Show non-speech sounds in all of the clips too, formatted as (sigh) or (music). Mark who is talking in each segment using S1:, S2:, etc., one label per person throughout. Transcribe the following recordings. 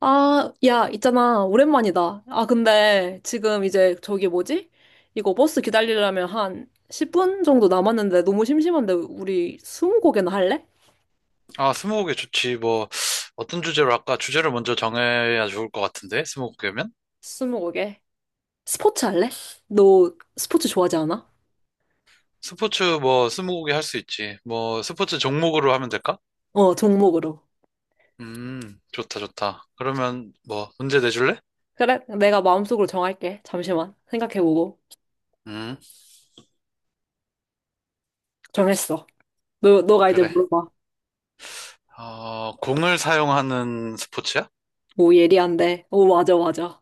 S1: 아, 야, 있잖아. 오랜만이다. 아, 근데 지금 이제 저기 뭐지? 이거 버스 기다리려면 한 10분 정도 남았는데 너무 심심한데 우리 스무고개나 할래?
S2: 아, 스무고개 좋지. 뭐, 어떤 주제로 할까? 주제를 먼저 정해야 좋을 것 같은데, 스무고개면?
S1: 스무고개. 스포츠 할래? 너 스포츠 좋아하지 않아?
S2: 스포츠 뭐, 스무고개 할 수 있지. 뭐, 스포츠 종목으로 하면 될까?
S1: 어, 종목으로.
S2: 좋다, 좋다. 그러면 뭐, 문제 내줄래?
S1: 그래, 내가 마음속으로 정할게. 잠시만. 생각해보고.
S2: 음,
S1: 정했어. 너가 이제
S2: 그래.
S1: 물어봐.
S2: 어, 공을 사용하는 스포츠야?
S1: 오, 예리한데. 오, 맞아, 맞아.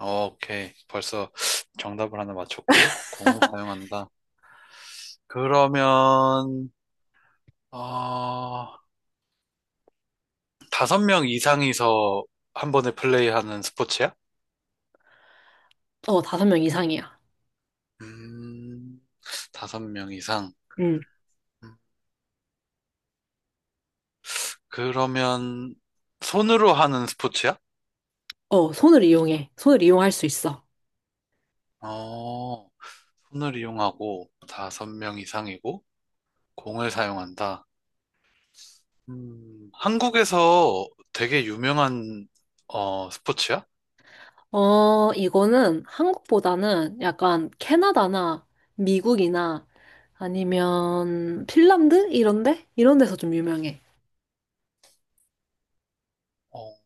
S2: 어, 오케이. 벌써 정답을 하나 맞췄고, 공을 사용한다. 그러면, 어, 다섯 명 이상이서 한 번에 플레이하는 스포츠야?
S1: 어, 다섯 명 이상이야.
S2: 음, 다섯 명 이상.
S1: 응.
S2: 음, 그러면 손으로 하는 스포츠야?
S1: 어, 손을 이용해. 손을 이용할 수 있어.
S2: 어, 손을 이용하고 다섯 명 이상이고 공을 사용한다. 한국에서 되게 유명한 어, 스포츠야?
S1: 어, 이거는 한국보다는 약간 캐나다나 미국이나 아니면 핀란드? 이런데? 이런 데서 좀 유명해.
S2: 어,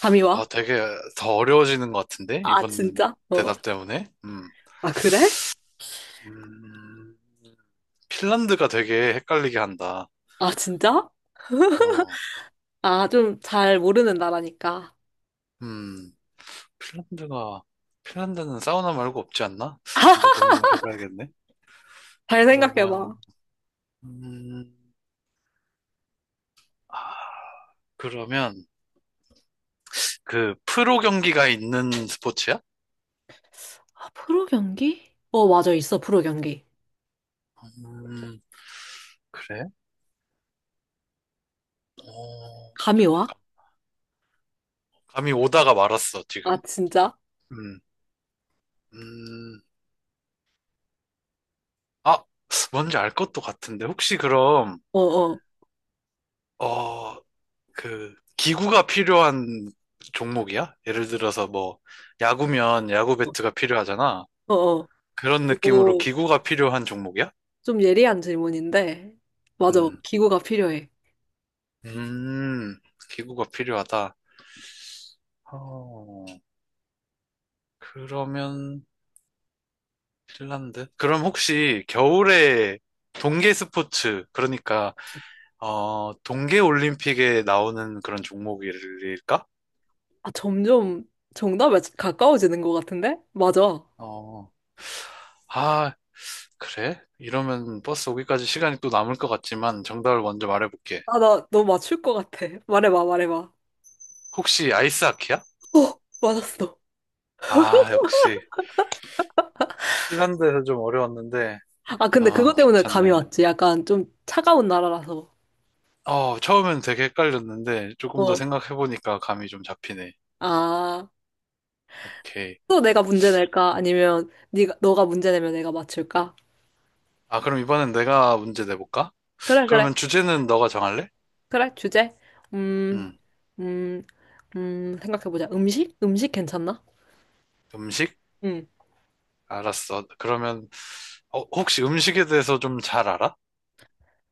S1: 감이 와?
S2: 아, 되게 더 어려워지는 것 같은데?
S1: 아,
S2: 이번
S1: 진짜? 어.
S2: 대답 때문에? 음.
S1: 아, 그래?
S2: 음, 핀란드가 되게 헷갈리게 한다.
S1: 아, 진짜?
S2: 어,
S1: 아, 좀 잘 모르는 나라니까.
S2: 음. 핀란드가, 핀란드는 사우나 말고 없지 않나? 좀 더
S1: (laughs)
S2: 고민을 해봐야겠네.
S1: 잘
S2: 그러면,
S1: 생각해봐.
S2: 음, 아, 그러면, 그, 프로 경기가 있는 스포츠야?
S1: 아, 프로 경기? 어, 맞아, 있어, 프로 경기.
S2: 음, 그래? 어,
S1: 감이 와?
S2: 감이 오다가 말았어,
S1: 아,
S2: 지금.
S1: 진짜?
S2: 음, 음, 아, 뭔지 알 것도 같은데. 혹시 그럼,
S1: 어, 어,
S2: 어, 그, 기구가 필요한 종목이야? 예를 들어서 뭐, 야구면 야구 배트가 필요하잖아.
S1: 어, 어.
S2: 그런 느낌으로
S1: 이거
S2: 기구가 필요한 종목이야?
S1: 좀 예리한 질문인데, 맞아,
S2: 음,
S1: 기구가 필요해.
S2: 음, 기구가 필요하다. 어, 그러면 핀란드? 그럼 혹시 겨울에 동계 스포츠, 그러니까 어, 동계 올림픽에 나오는 그런 종목일까?
S1: 아, 점점 정답에 가까워지는 것 같은데? 맞아.
S2: 어, 아, 그래? 이러면 버스 오기까지 시간이 또 남을 것 같지만 정답을 먼저 말해볼게.
S1: 아, 나 너 맞출 것 같아. 말해봐, 말해봐.
S2: 혹시 아이스하키야?
S1: 어, 맞았어.
S2: 아, 역시 핀란드에서 좀 어려웠는데,
S1: 아, 근데
S2: 아,
S1: 그것 때문에 감이
S2: 괜찮네.
S1: 왔지. 약간 좀 차가운 나라라서.
S2: 어, 처음엔 되게 헷갈렸는데 조금 더
S1: 어.
S2: 생각해보니까 감이 좀 잡히네.
S1: 아,
S2: 오케이.
S1: 또 내가 문제 낼까? 아니면 네가 너가 문제 내면 내가 맞출까?
S2: 아, 그럼 이번엔 내가 문제 내볼까?
S1: 그래, 그래.
S2: 그러면 주제는 너가 정할래?
S1: 그래, 주제. 음,
S2: 응.
S1: 음, 생각해보자. 음식? 음식 괜찮나?
S2: 음식?
S1: 응.
S2: 알았어. 그러면 어, 혹시 음식에 대해서 좀 잘 알아?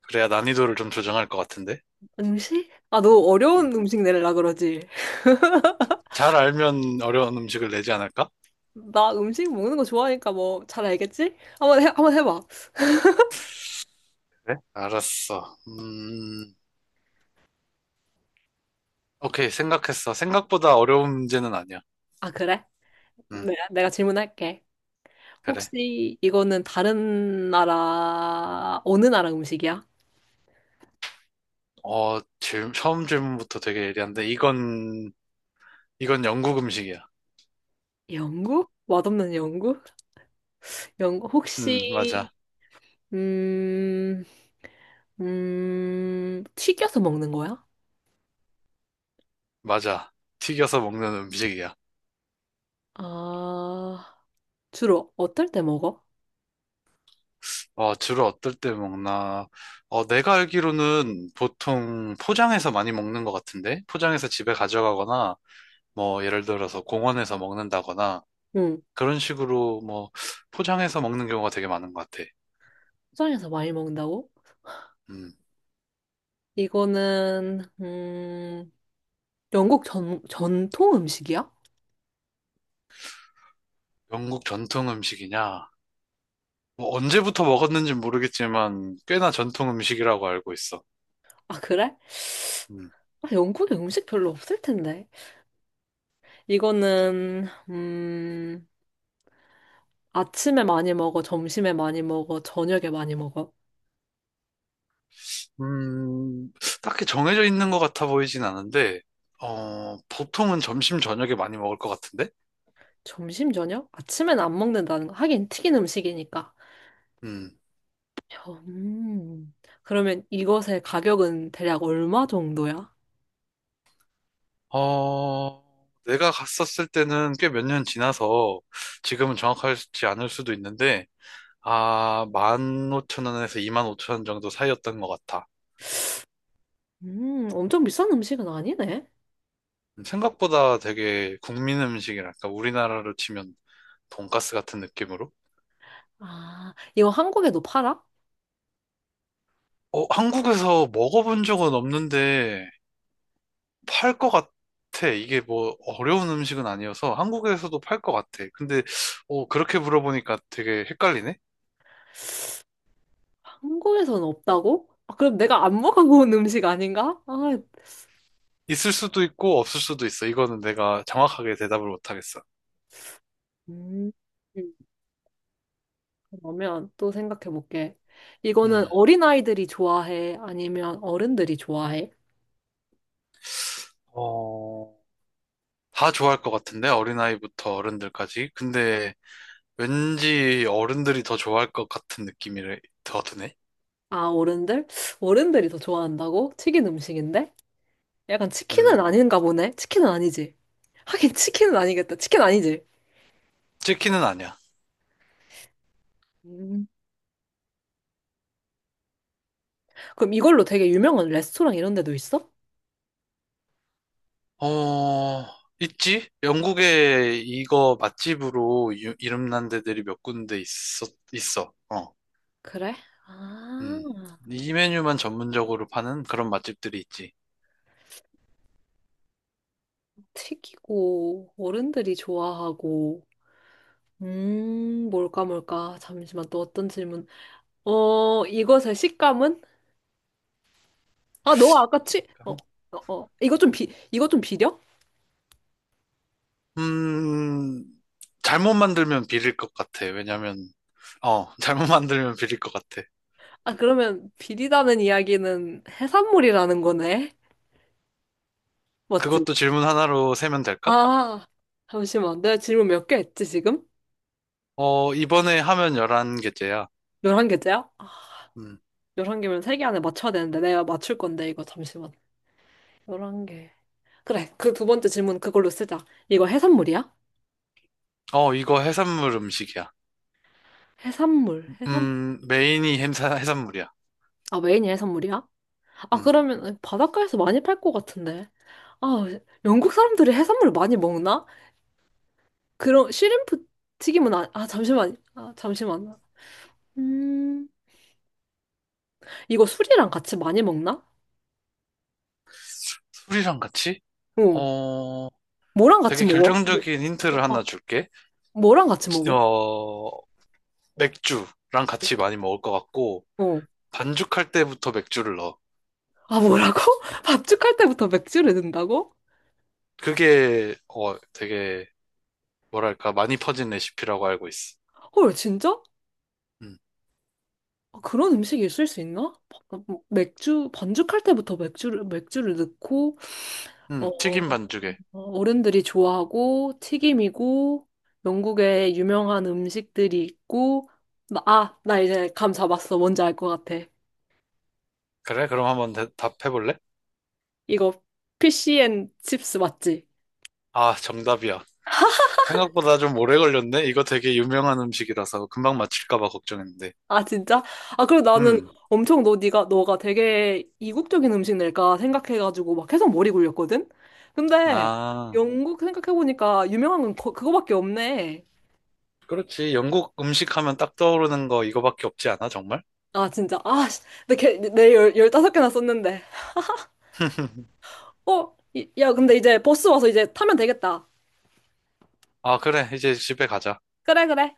S2: 그래야 난이도를 좀 조정할 것 같은데.
S1: 음식? 아, 너
S2: 응.
S1: 어려운 음식 내려라 그러지?
S2: 잘 알면 어려운 음식을 내지 않을까?
S1: 나 음식 먹는 거 좋아하니까 뭐 잘 알겠지? 한번 해, 한번 해봐.
S2: 그래? 알았어. 오케이. 생각했어. 생각보다 어려운 문제는 아니야.
S1: 아, 그래?
S2: 응,
S1: 네, 내가 질문할게.
S2: 그래.
S1: 혹시 이거는 다른 나라, 어느 나라 음식이야?
S2: 어, 처음 질문부터 되게 예리한데 이건 영국 음식이야.
S1: 영국? 맛없는 영국? 혹시,
S2: 맞아.
S1: 음, 튀겨서 먹는 거야?
S2: 맞아. 튀겨서 먹는 음식이야.
S1: 아, 주로 어떨 때 먹어?
S2: 어, 주로 어떨 때 먹나? 어, 내가 알기로는 보통 포장해서 많이 먹는 것 같은데? 포장해서 집에 가져가거나, 뭐, 예를 들어서 공원에서 먹는다거나,
S1: 응,
S2: 그런 식으로 뭐, 포장해서 먹는 경우가 되게 많은 것 같아.
S1: 포장해서 많이 먹는다고?
S2: 음,
S1: 이거는, 영국 전통 음식이야?
S2: 영국 전통 음식이냐? 뭐, 언제부터 먹었는지 모르겠지만, 꽤나 전통 음식이라고 알고 있어.
S1: 아, 그래?
S2: 음.
S1: 아, 영국에 음식 별로 없을 텐데. 이거는, 아침에 많이 먹어, 점심에 많이 먹어, 저녁에 많이 먹어.
S2: 음, 딱히 정해져 있는 것 같아 보이진 않은데, 어, 보통은 점심, 저녁에 많이 먹을 것 같은데?
S1: 점심, 저녁? 아침엔 안 먹는다는 거. 하긴 튀긴 음식이니까.
S2: 음,
S1: 음, 그러면 이것의 가격은 대략 얼마 정도야?
S2: 어, 내가 갔었을 때는 꽤 몇 년 지나서 지금은 정확하지 않을 수도 있는데, 아, 15,000원에서 25,000원 정도 사이였던 것 같아.
S1: 엄청 비싼 음식은 아니네.
S2: 생각보다 되게 국민 음식이랄까, 우리나라로 치면 돈가스 같은 느낌으로?
S1: 아, 이거 한국에도 팔아?
S2: 어, 한국에서 먹어본 적은 없는데, 팔 것 같아. 이게 뭐 어려운 음식은 아니어서 한국에서도 팔 것 같아. 근데 어, 그렇게 물어보니까 되게 헷갈리네.
S1: 한국에서는 없다고? 아, 그럼 내가 안 먹어본 음식 아닌가? 아,
S2: 있을 수도 있고 없을 수도 있어. 이거는 내가 정확하게 대답을 못 하겠어.
S1: 음. 그러면 또 생각해 볼게. 이거는
S2: 음.
S1: 어린아이들이 좋아해? 아니면 어른들이 좋아해?
S2: 어, 다 좋아할 것 같은데 어린아이부터 어른들까지. 근데 왠지 어른들이 더 좋아할 것 같은 느낌이 더 드네.
S1: 아, 어른들? 어른들이 더 좋아한다고? 튀긴 음식인데? 약간 치킨은
S2: 음.
S1: 아닌가 보네? 치킨은 아니지. 하긴 치킨은 아니겠다. 치킨 아니지.
S2: 치킨은 아니야.
S1: 음. 그럼 이걸로 되게 유명한 레스토랑 이런 데도 있어?
S2: 어, 있지? 영국에 이거 맛집으로 이름난 데들이 몇 군데 어 있어. 어.
S1: 그래?
S2: 음.
S1: 아,
S2: 이 메뉴만 전문적으로 파는 그런 맛집들이 있지.
S1: 튀기고, 어른들이 좋아하고. 뭘까, 뭘까. 잠시만, 또 어떤 질문. 어, 이것의 식감은? 아, 너 아까 치, 어, 어, 어. 이거 좀 비려?
S2: 음, 잘못 만들면 비릴 것 같아. 왜냐면, 어, (laughs) 잘못 만들면 비릴 것 같아.
S1: 아, 그러면 비리다는 이야기는 해산물이라는 거네? 맞지?
S2: 그것도 질문 하나로 세면 될까?
S1: 아, 잠시만. 내가 질문 몇 개 했지, 지금?
S2: 어, 이번에 하면 11개째야.
S1: 11개째야? 아,
S2: 음.
S1: 11개면 3개 안에 맞춰야 되는데, 내가 맞출 건데, 이거 잠시만. 11개. 그래, 그 두 번째 질문 그걸로 쓰자. 이거 해산물이야?
S2: 어, 이거 해산물 음식이야.
S1: 해산물,
S2: 메인이 해산물이야.
S1: 아, 메인이 해산물이야? 아,
S2: 음.
S1: 그러면 바닷가에서 많이 팔 것 같은데. 아, 영국 사람들이 해산물 많이 먹나? 그런 shrimp 튀김은 아 잠시만. 아, 잠시만. 음, 이거 술이랑 같이 많이 먹나?
S2: 술이랑 같이?
S1: 어.
S2: 어,
S1: 뭐랑 같이
S2: 되게
S1: 먹어?
S2: 결정적인 힌트를
S1: 어,
S2: 하나 줄게.
S1: 뭐랑 같이 먹어?
S2: 어, 맥주랑 같이 많이 먹을 것 같고,
S1: 어.
S2: 반죽할 때부터 맥주를 넣어.
S1: 아, 뭐라고? (laughs) 밥죽할 때부터 맥주를 넣는다고?
S2: 그게, 어, 되게, 뭐랄까, 많이 퍼진 레시피라고 알고 있어.
S1: 헐, 진짜?
S2: 음,
S1: 아, 그런 음식이 있을 수 있나? 맥주, 반죽할 때부터 맥주를 넣고, 어,
S2: 튀김 반죽에.
S1: 어른들이 좋아하고 튀김이고 영국의 유명한 음식들이 있고 아, 나 이제 감 잡았어. 뭔지 알 것 같아.
S2: 그래? 그럼 한번 답해볼래?
S1: 이거 피시앤 칩스 맞지?
S2: 아, 정답이야. 생각보다 좀 오래 걸렸네? 이거 되게 유명한 음식이라서 금방 맞힐까봐 걱정했는데.
S1: 아, 진짜? 아, 그리고 나는
S2: 음,
S1: 엄청 너 네가 너가 되게 이국적인 음식 낼까 생각해가지고 막 계속 머리 굴렸거든? 근데
S2: 아,
S1: 영국 생각해보니까 유명한 건 그거밖에 없네.
S2: 그렇지. 영국 음식 하면 딱 떠오르는 거 이거밖에 없지 않아, 정말?
S1: 아, 진짜. 아, 씨. 내, 개- 내 열, 15개나 썼는데.
S2: (laughs)
S1: 어? 야, 근데 이제 버스 와서 이제 타면 되겠다.
S2: 아, 그래. 이제 집에 가자.
S1: 그래, 그래.